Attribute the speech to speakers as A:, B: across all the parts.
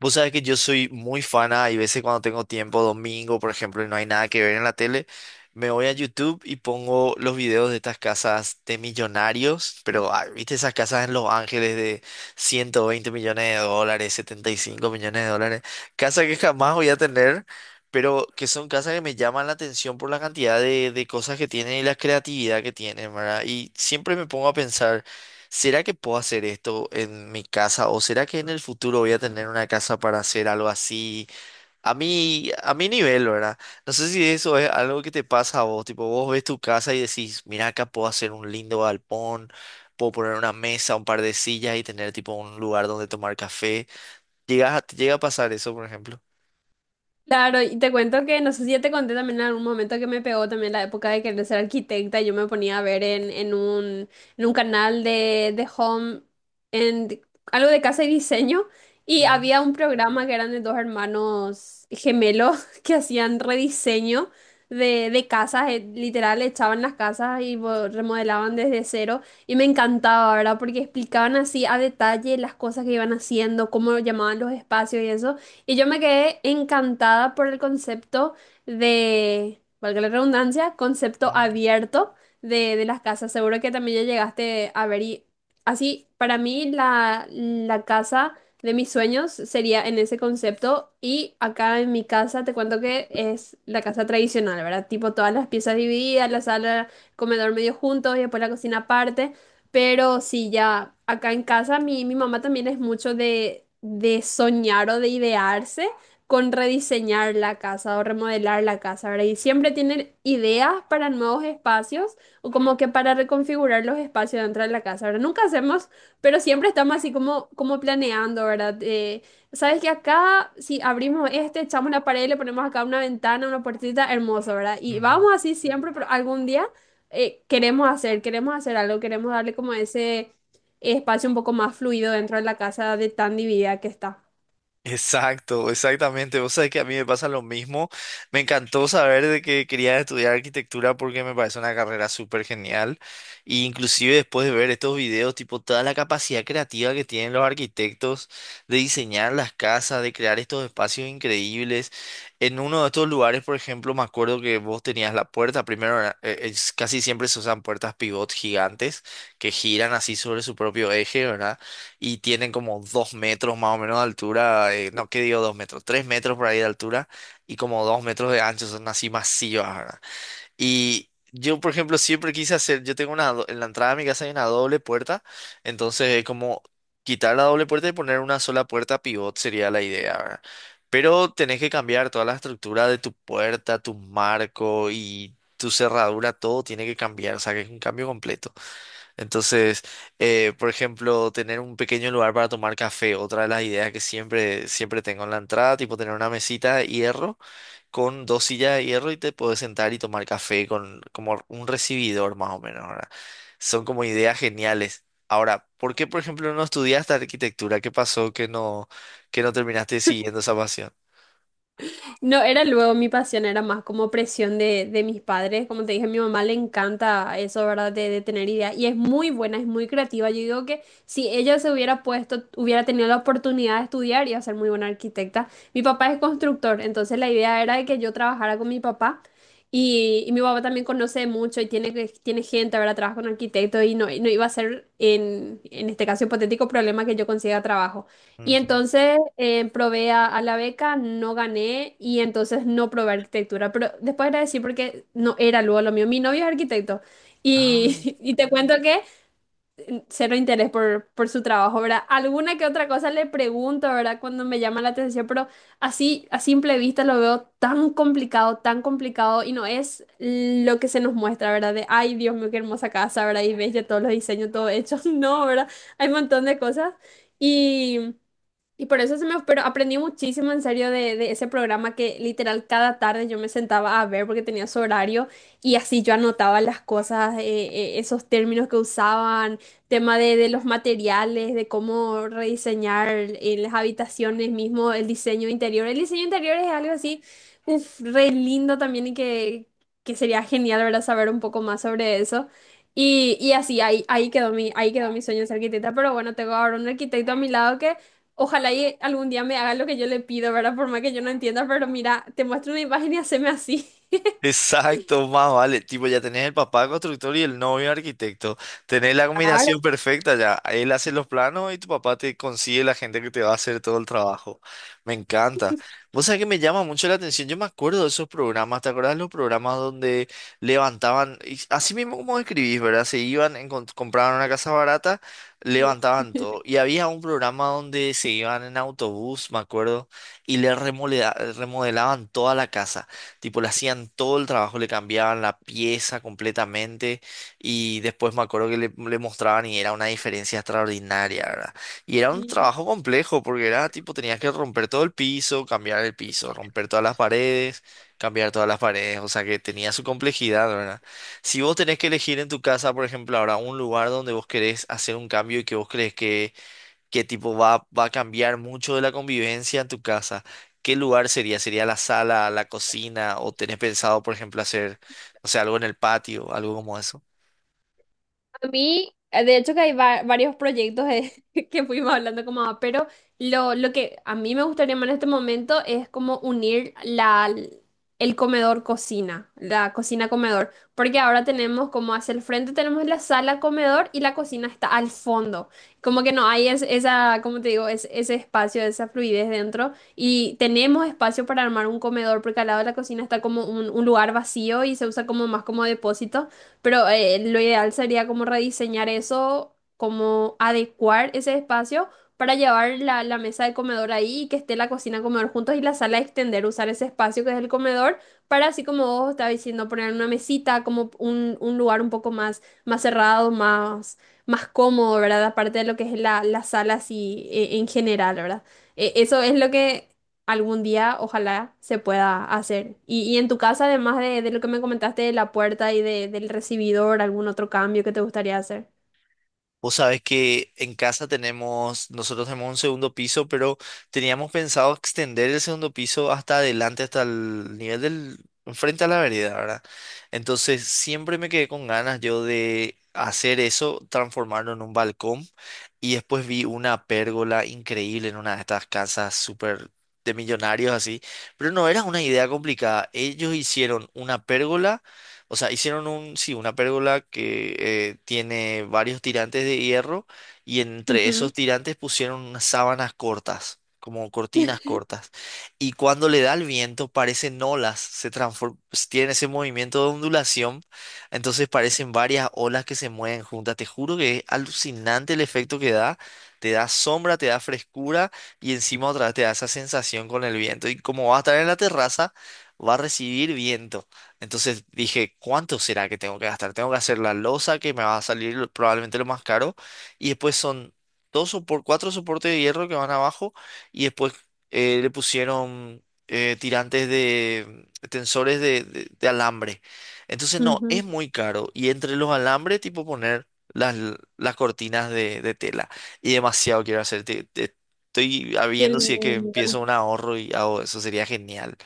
A: Vos sabés que yo soy muy fana, hay veces cuando tengo tiempo, domingo, por ejemplo, y no hay nada que ver en la tele, me voy a YouTube y pongo los videos de estas casas de millonarios, pero ah, viste esas casas en Los Ángeles de 120 millones de dólares, 75 millones de dólares, casas que jamás voy a tener, pero que son casas que me llaman la atención por la cantidad de cosas que tienen y la creatividad que tienen, ¿verdad? Y siempre me pongo a pensar. ¿Será que puedo hacer esto en mi casa o será que en el futuro voy a tener una casa para hacer algo así a mi nivel, ¿verdad? No sé si eso es algo que te pasa a vos, tipo vos ves tu casa y decís, mira acá puedo hacer un lindo galpón, puedo poner una mesa, un par de sillas y tener tipo un lugar donde tomar café. Te llega a pasar eso, por ejemplo?
B: Claro, y te cuento que no sé si ya te conté también en algún momento que me pegó también la época de querer ser arquitecta. Yo me ponía a ver en un canal de home, en de- algo de casa y diseño, y
A: Ujú,
B: había un programa que eran de dos hermanos gemelos que hacían rediseño de casas, literal, echaban las casas y remodelaban desde cero. Y me encantaba, ¿verdad? Porque explicaban así a detalle las cosas que iban haciendo, cómo llamaban los espacios y eso. Y yo me quedé encantada por el concepto de, valga la redundancia, concepto
A: ujú,
B: abierto de las casas. Seguro que también ya llegaste a ver y así, para mí la casa de mis sueños sería en ese concepto, y acá en mi casa te cuento que es la casa tradicional, ¿verdad? Tipo todas las piezas divididas, la sala, comedor medio juntos y después la cocina aparte. Pero sí, ya acá en casa mi mamá también es mucho de soñar o de idearse con rediseñar la casa o remodelar la casa, ¿verdad? Y siempre tiene ideas para nuevos espacios o como que para reconfigurar los espacios dentro de la casa, ¿verdad? Nunca hacemos, pero siempre estamos así como, como planeando, ¿verdad? Sabes que acá, si abrimos este, echamos la pared, le ponemos acá una ventana, una puertita, hermoso, ¿verdad? Y
A: ujú.
B: vamos así siempre, pero algún día queremos hacer algo, queremos darle como ese espacio un poco más fluido dentro de la casa de tan dividida que está.
A: Exacto, exactamente. Vos sabés que a mí me pasa lo mismo. Me encantó saber de que quería estudiar arquitectura porque me parece una carrera súper genial. Y inclusive después de ver estos videos, tipo toda la capacidad creativa que tienen los arquitectos de diseñar las casas, de crear estos espacios increíbles. En uno de estos lugares, por ejemplo, me acuerdo que vos tenías la puerta. Primero, casi siempre se usan puertas pivot gigantes que giran así sobre su propio eje, ¿verdad? Y tienen como dos metros más o menos de altura, no, ¿qué digo dos metros? Tres metros por ahí de altura y como dos metros de ancho, son así masivas, ¿verdad? Y yo, por ejemplo, siempre quise hacer, yo tengo una, en la entrada de mi casa hay una doble puerta, entonces es como quitar la doble puerta y poner una sola puerta pivot sería la idea, ¿verdad? Pero tenés que cambiar toda la estructura de tu puerta, tu marco y tu cerradura, todo tiene que cambiar, o sea que es un cambio completo. Entonces, por ejemplo, tener un pequeño lugar para tomar café, otra de las ideas que siempre tengo en la entrada, tipo tener una mesita de hierro con dos sillas de hierro y te puedes sentar y tomar café con como un recibidor más o menos, ¿verdad? Son como ideas geniales. Ahora, ¿por qué, por ejemplo, no estudiaste arquitectura? ¿Qué pasó que no terminaste siguiendo esa pasión?
B: No, era luego mi pasión, era más como presión de mis padres. Como te dije, a mi mamá le encanta eso, ¿verdad? De tener ideas. Y es muy buena, es muy creativa. Yo digo que si ella se hubiera puesto, hubiera tenido la oportunidad de estudiar, iba a ser muy buena arquitecta. Mi papá es constructor, entonces la idea era de que yo trabajara con mi papá. Y mi papá también conoce mucho y tiene, tiene gente, ¿verdad? Trabaja con arquitectos y no, no iba a ser, en este caso hipotético, problema que yo consiga trabajo. Y
A: Ujú.
B: entonces probé a la beca, no gané y entonces no probé arquitectura. Pero después agradecí porque no era luego lo mío. Mi novio es arquitecto y,
A: Ah.
B: y te cuento que cero interés por su trabajo, ¿verdad? Alguna que otra cosa le pregunto, ¿verdad? Cuando me llama la atención, pero así a simple vista lo veo tan complicado y no es lo que se nos muestra, ¿verdad? De, ay, Dios mío, qué hermosa casa, ¿verdad? Y ves ya todos los diseños, todo hecho. No, ¿verdad? Hay un montón de cosas. Y y por eso se me, pero aprendí muchísimo en serio de ese programa que literal cada tarde yo me sentaba a ver porque tenía su horario y así yo anotaba las cosas, esos términos que usaban, tema de los materiales, de cómo rediseñar las habitaciones mismo, el diseño interior. El diseño interior es algo así, uf, re lindo también y que sería genial, ¿verdad? Saber un poco más sobre eso. Y así, ahí, ahí quedó mi sueño de ser arquitecta, pero bueno, tengo ahora un arquitecto a mi lado que ojalá y algún día me haga lo que yo le pido, ¿verdad? Por más que yo no entienda, pero mira, te muestro una imagen y haceme así.
A: Exacto, más vale. Tipo, ya tenés el papá constructor y el novio arquitecto. Tenés la
B: Claro.
A: combinación perfecta ya. Él hace los planos y tu papá te consigue la gente que te va a hacer todo el trabajo. Me encanta. Vos sabés que me llama mucho la atención. Yo me acuerdo de esos programas. ¿Te acordás los programas donde levantaban, y así mismo como escribís, ¿verdad? Se iban, compraban una casa barata,
B: Sí.
A: levantaban todo. Y había un programa donde se iban en autobús, me acuerdo, y le remodelaban toda la casa. Tipo, le hacían todo el trabajo, le cambiaban la pieza completamente y después me acuerdo que le mostraban y era una diferencia extraordinaria, ¿verdad? Y era un trabajo complejo porque era tipo, tenías que romper todo el piso, cambiar el piso, romper todas las paredes, cambiar todas las paredes, o sea que tenía su complejidad, ¿verdad? Si vos tenés que elegir en tu casa, por ejemplo, ahora un lugar donde vos querés hacer un cambio y que vos crees que va a cambiar mucho de la convivencia en tu casa. ¿Qué lugar sería? ¿Sería la sala, la cocina? ¿O tenés pensado, por ejemplo, hacer, no sé, algo en el patio, algo como eso?
B: A mí, de hecho que hay varios proyectos que fuimos hablando como, va, pero lo que a mí me gustaría más en este momento es como unir el comedor cocina, la cocina comedor, porque ahora tenemos como hacia el frente tenemos la sala comedor y la cocina está al fondo, como que no hay esa, como te digo, es, ese espacio, esa fluidez dentro y tenemos espacio para armar un comedor porque al lado de la cocina está como un lugar vacío y se usa como más como depósito. Pero lo ideal sería como rediseñar eso, como adecuar ese espacio para llevar la mesa de comedor ahí y que esté la cocina comedor juntos y la sala extender, usar ese espacio que es el comedor para así como vos estabas diciendo, poner una mesita, como un lugar un poco más, más cerrado, más, más cómodo, ¿verdad? Aparte de lo que es la sala así en general, ¿verdad? Eso es lo que algún día ojalá se pueda hacer. Y en tu casa, además de lo que me comentaste de la puerta y del recibidor, ¿algún otro cambio que te gustaría hacer?
A: Vos sabés que en casa tenemos, nosotros tenemos un segundo piso, pero teníamos pensado extender el segundo piso hasta adelante, hasta el nivel del, frente a la vereda, ¿verdad? Entonces siempre me quedé con ganas yo de hacer eso, transformarlo en un balcón y después vi una pérgola increíble en una de estas casas súper de millonarios así, pero no era una idea complicada. Ellos hicieron una pérgola, o sea, hicieron un, sí, una pérgola que tiene varios tirantes de hierro y entre esos
B: Ujú,
A: tirantes pusieron unas sábanas cortas, como cortinas cortas. Y cuando le da el viento parecen olas, tiene ese movimiento de ondulación, entonces parecen varias olas que se mueven juntas. Te juro que es alucinante el efecto que da. Te da sombra, te da frescura y encima otra vez te da esa sensación con el viento. Y como va a estar en la terraza, va a recibir viento. Entonces dije, ¿cuánto será que tengo que gastar? Tengo que hacer la losa que me va a salir probablemente lo más caro. Y después son dos por cuatro soportes de hierro que van abajo. Y después le pusieron tirantes de tensores de alambre. Entonces no, es
B: ujú.
A: muy caro. Y entre los alambres, tipo poner las cortinas de tela. Y demasiado quiero hacer. Estoy
B: Qué
A: viendo si es
B: lindo.
A: que empiezo un ahorro y hago eso. Sería genial.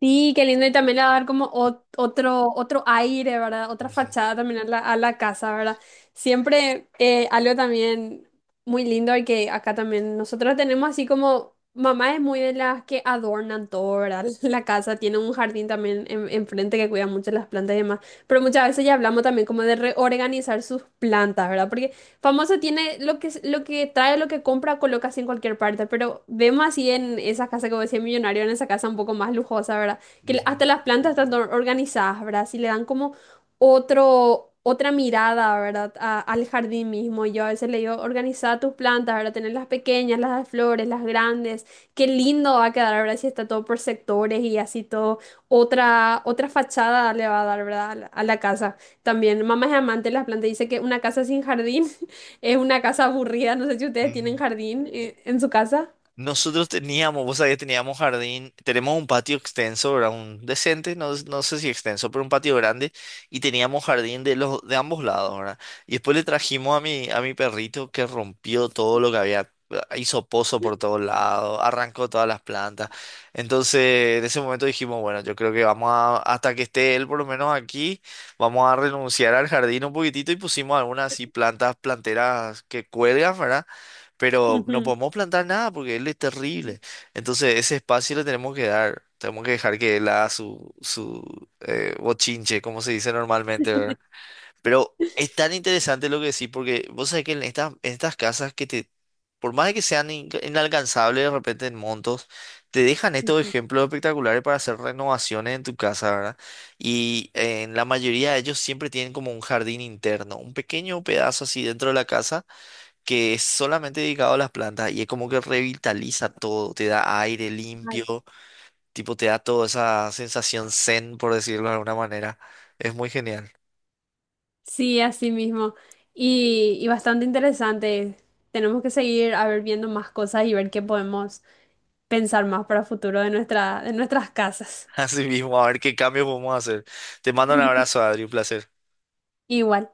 B: Sí, qué lindo. Y también le va a dar como otro, otro aire, ¿verdad? Otra
A: Ujú,
B: fachada también a a la casa, ¿verdad? Siempre algo también muy lindo y que acá también nosotros tenemos así como, mamá es muy de las que adornan todo, ¿verdad? La casa tiene un jardín también enfrente que cuida mucho las plantas y demás. Pero muchas veces ya hablamos también como de reorganizar sus plantas, ¿verdad? Porque famoso tiene lo que trae, lo que compra, coloca así en cualquier parte, pero vemos así en esa casa como vos decías millonario, en esa casa un poco más lujosa, ¿verdad? Que
A: ujú,
B: hasta las plantas están organizadas, ¿verdad? Así le dan como otro, otra mirada, ¿verdad? Al jardín mismo. Yo a veces le digo, organiza tus plantas, ¿verdad? Tener las pequeñas, las de flores, las grandes. Qué lindo va a quedar, ¿verdad? Si está todo por sectores y así todo. Otra, otra fachada le va a dar, ¿verdad? A a la casa. También, mamá es amante de las plantas. Dice que una casa sin jardín es una casa aburrida, no sé si ustedes tienen
A: ujú.
B: jardín en su casa.
A: Nosotros teníamos, vos sabés, teníamos jardín, tenemos un patio extenso, ¿verdad? Un decente, no, no sé si extenso, pero un patio grande y teníamos jardín de los de ambos lados, ¿verdad? Y después le trajimos a mi perrito que rompió todo lo que había, hizo pozo por todos lados, arrancó todas las plantas. Entonces, en ese momento dijimos, bueno, yo creo que vamos a hasta que esté él por lo menos aquí, vamos a renunciar al jardín un poquitito y pusimos algunas así plantas planteras que cuelgan, ¿verdad? Pero no
B: Ujú,
A: podemos plantar nada porque él es terrible. Entonces ese espacio le tenemos que dar, tenemos que dejar que él haga su bochinche, como se dice normalmente, ¿verdad? Pero es tan interesante lo que decís, porque vos sabés que en estas casas que te, por más de que sean inalcanzables de repente en montos, te dejan estos
B: ujú.
A: ejemplos espectaculares para hacer renovaciones en tu casa, ¿verdad? Y en la mayoría de ellos siempre tienen como un jardín interno, un pequeño pedazo así dentro de la casa que es solamente dedicado a las plantas y es como que revitaliza todo, te da aire limpio, tipo te da toda esa sensación zen, por decirlo de alguna manera. Es muy genial.
B: Sí, así mismo. Y bastante interesante. Tenemos que seguir a ver viendo más cosas y ver qué podemos pensar más para el futuro de nuestras casas.
A: Así mismo, a ver qué cambios podemos hacer. Te mando un
B: Sí.
A: abrazo, Adri, un placer.
B: Igual.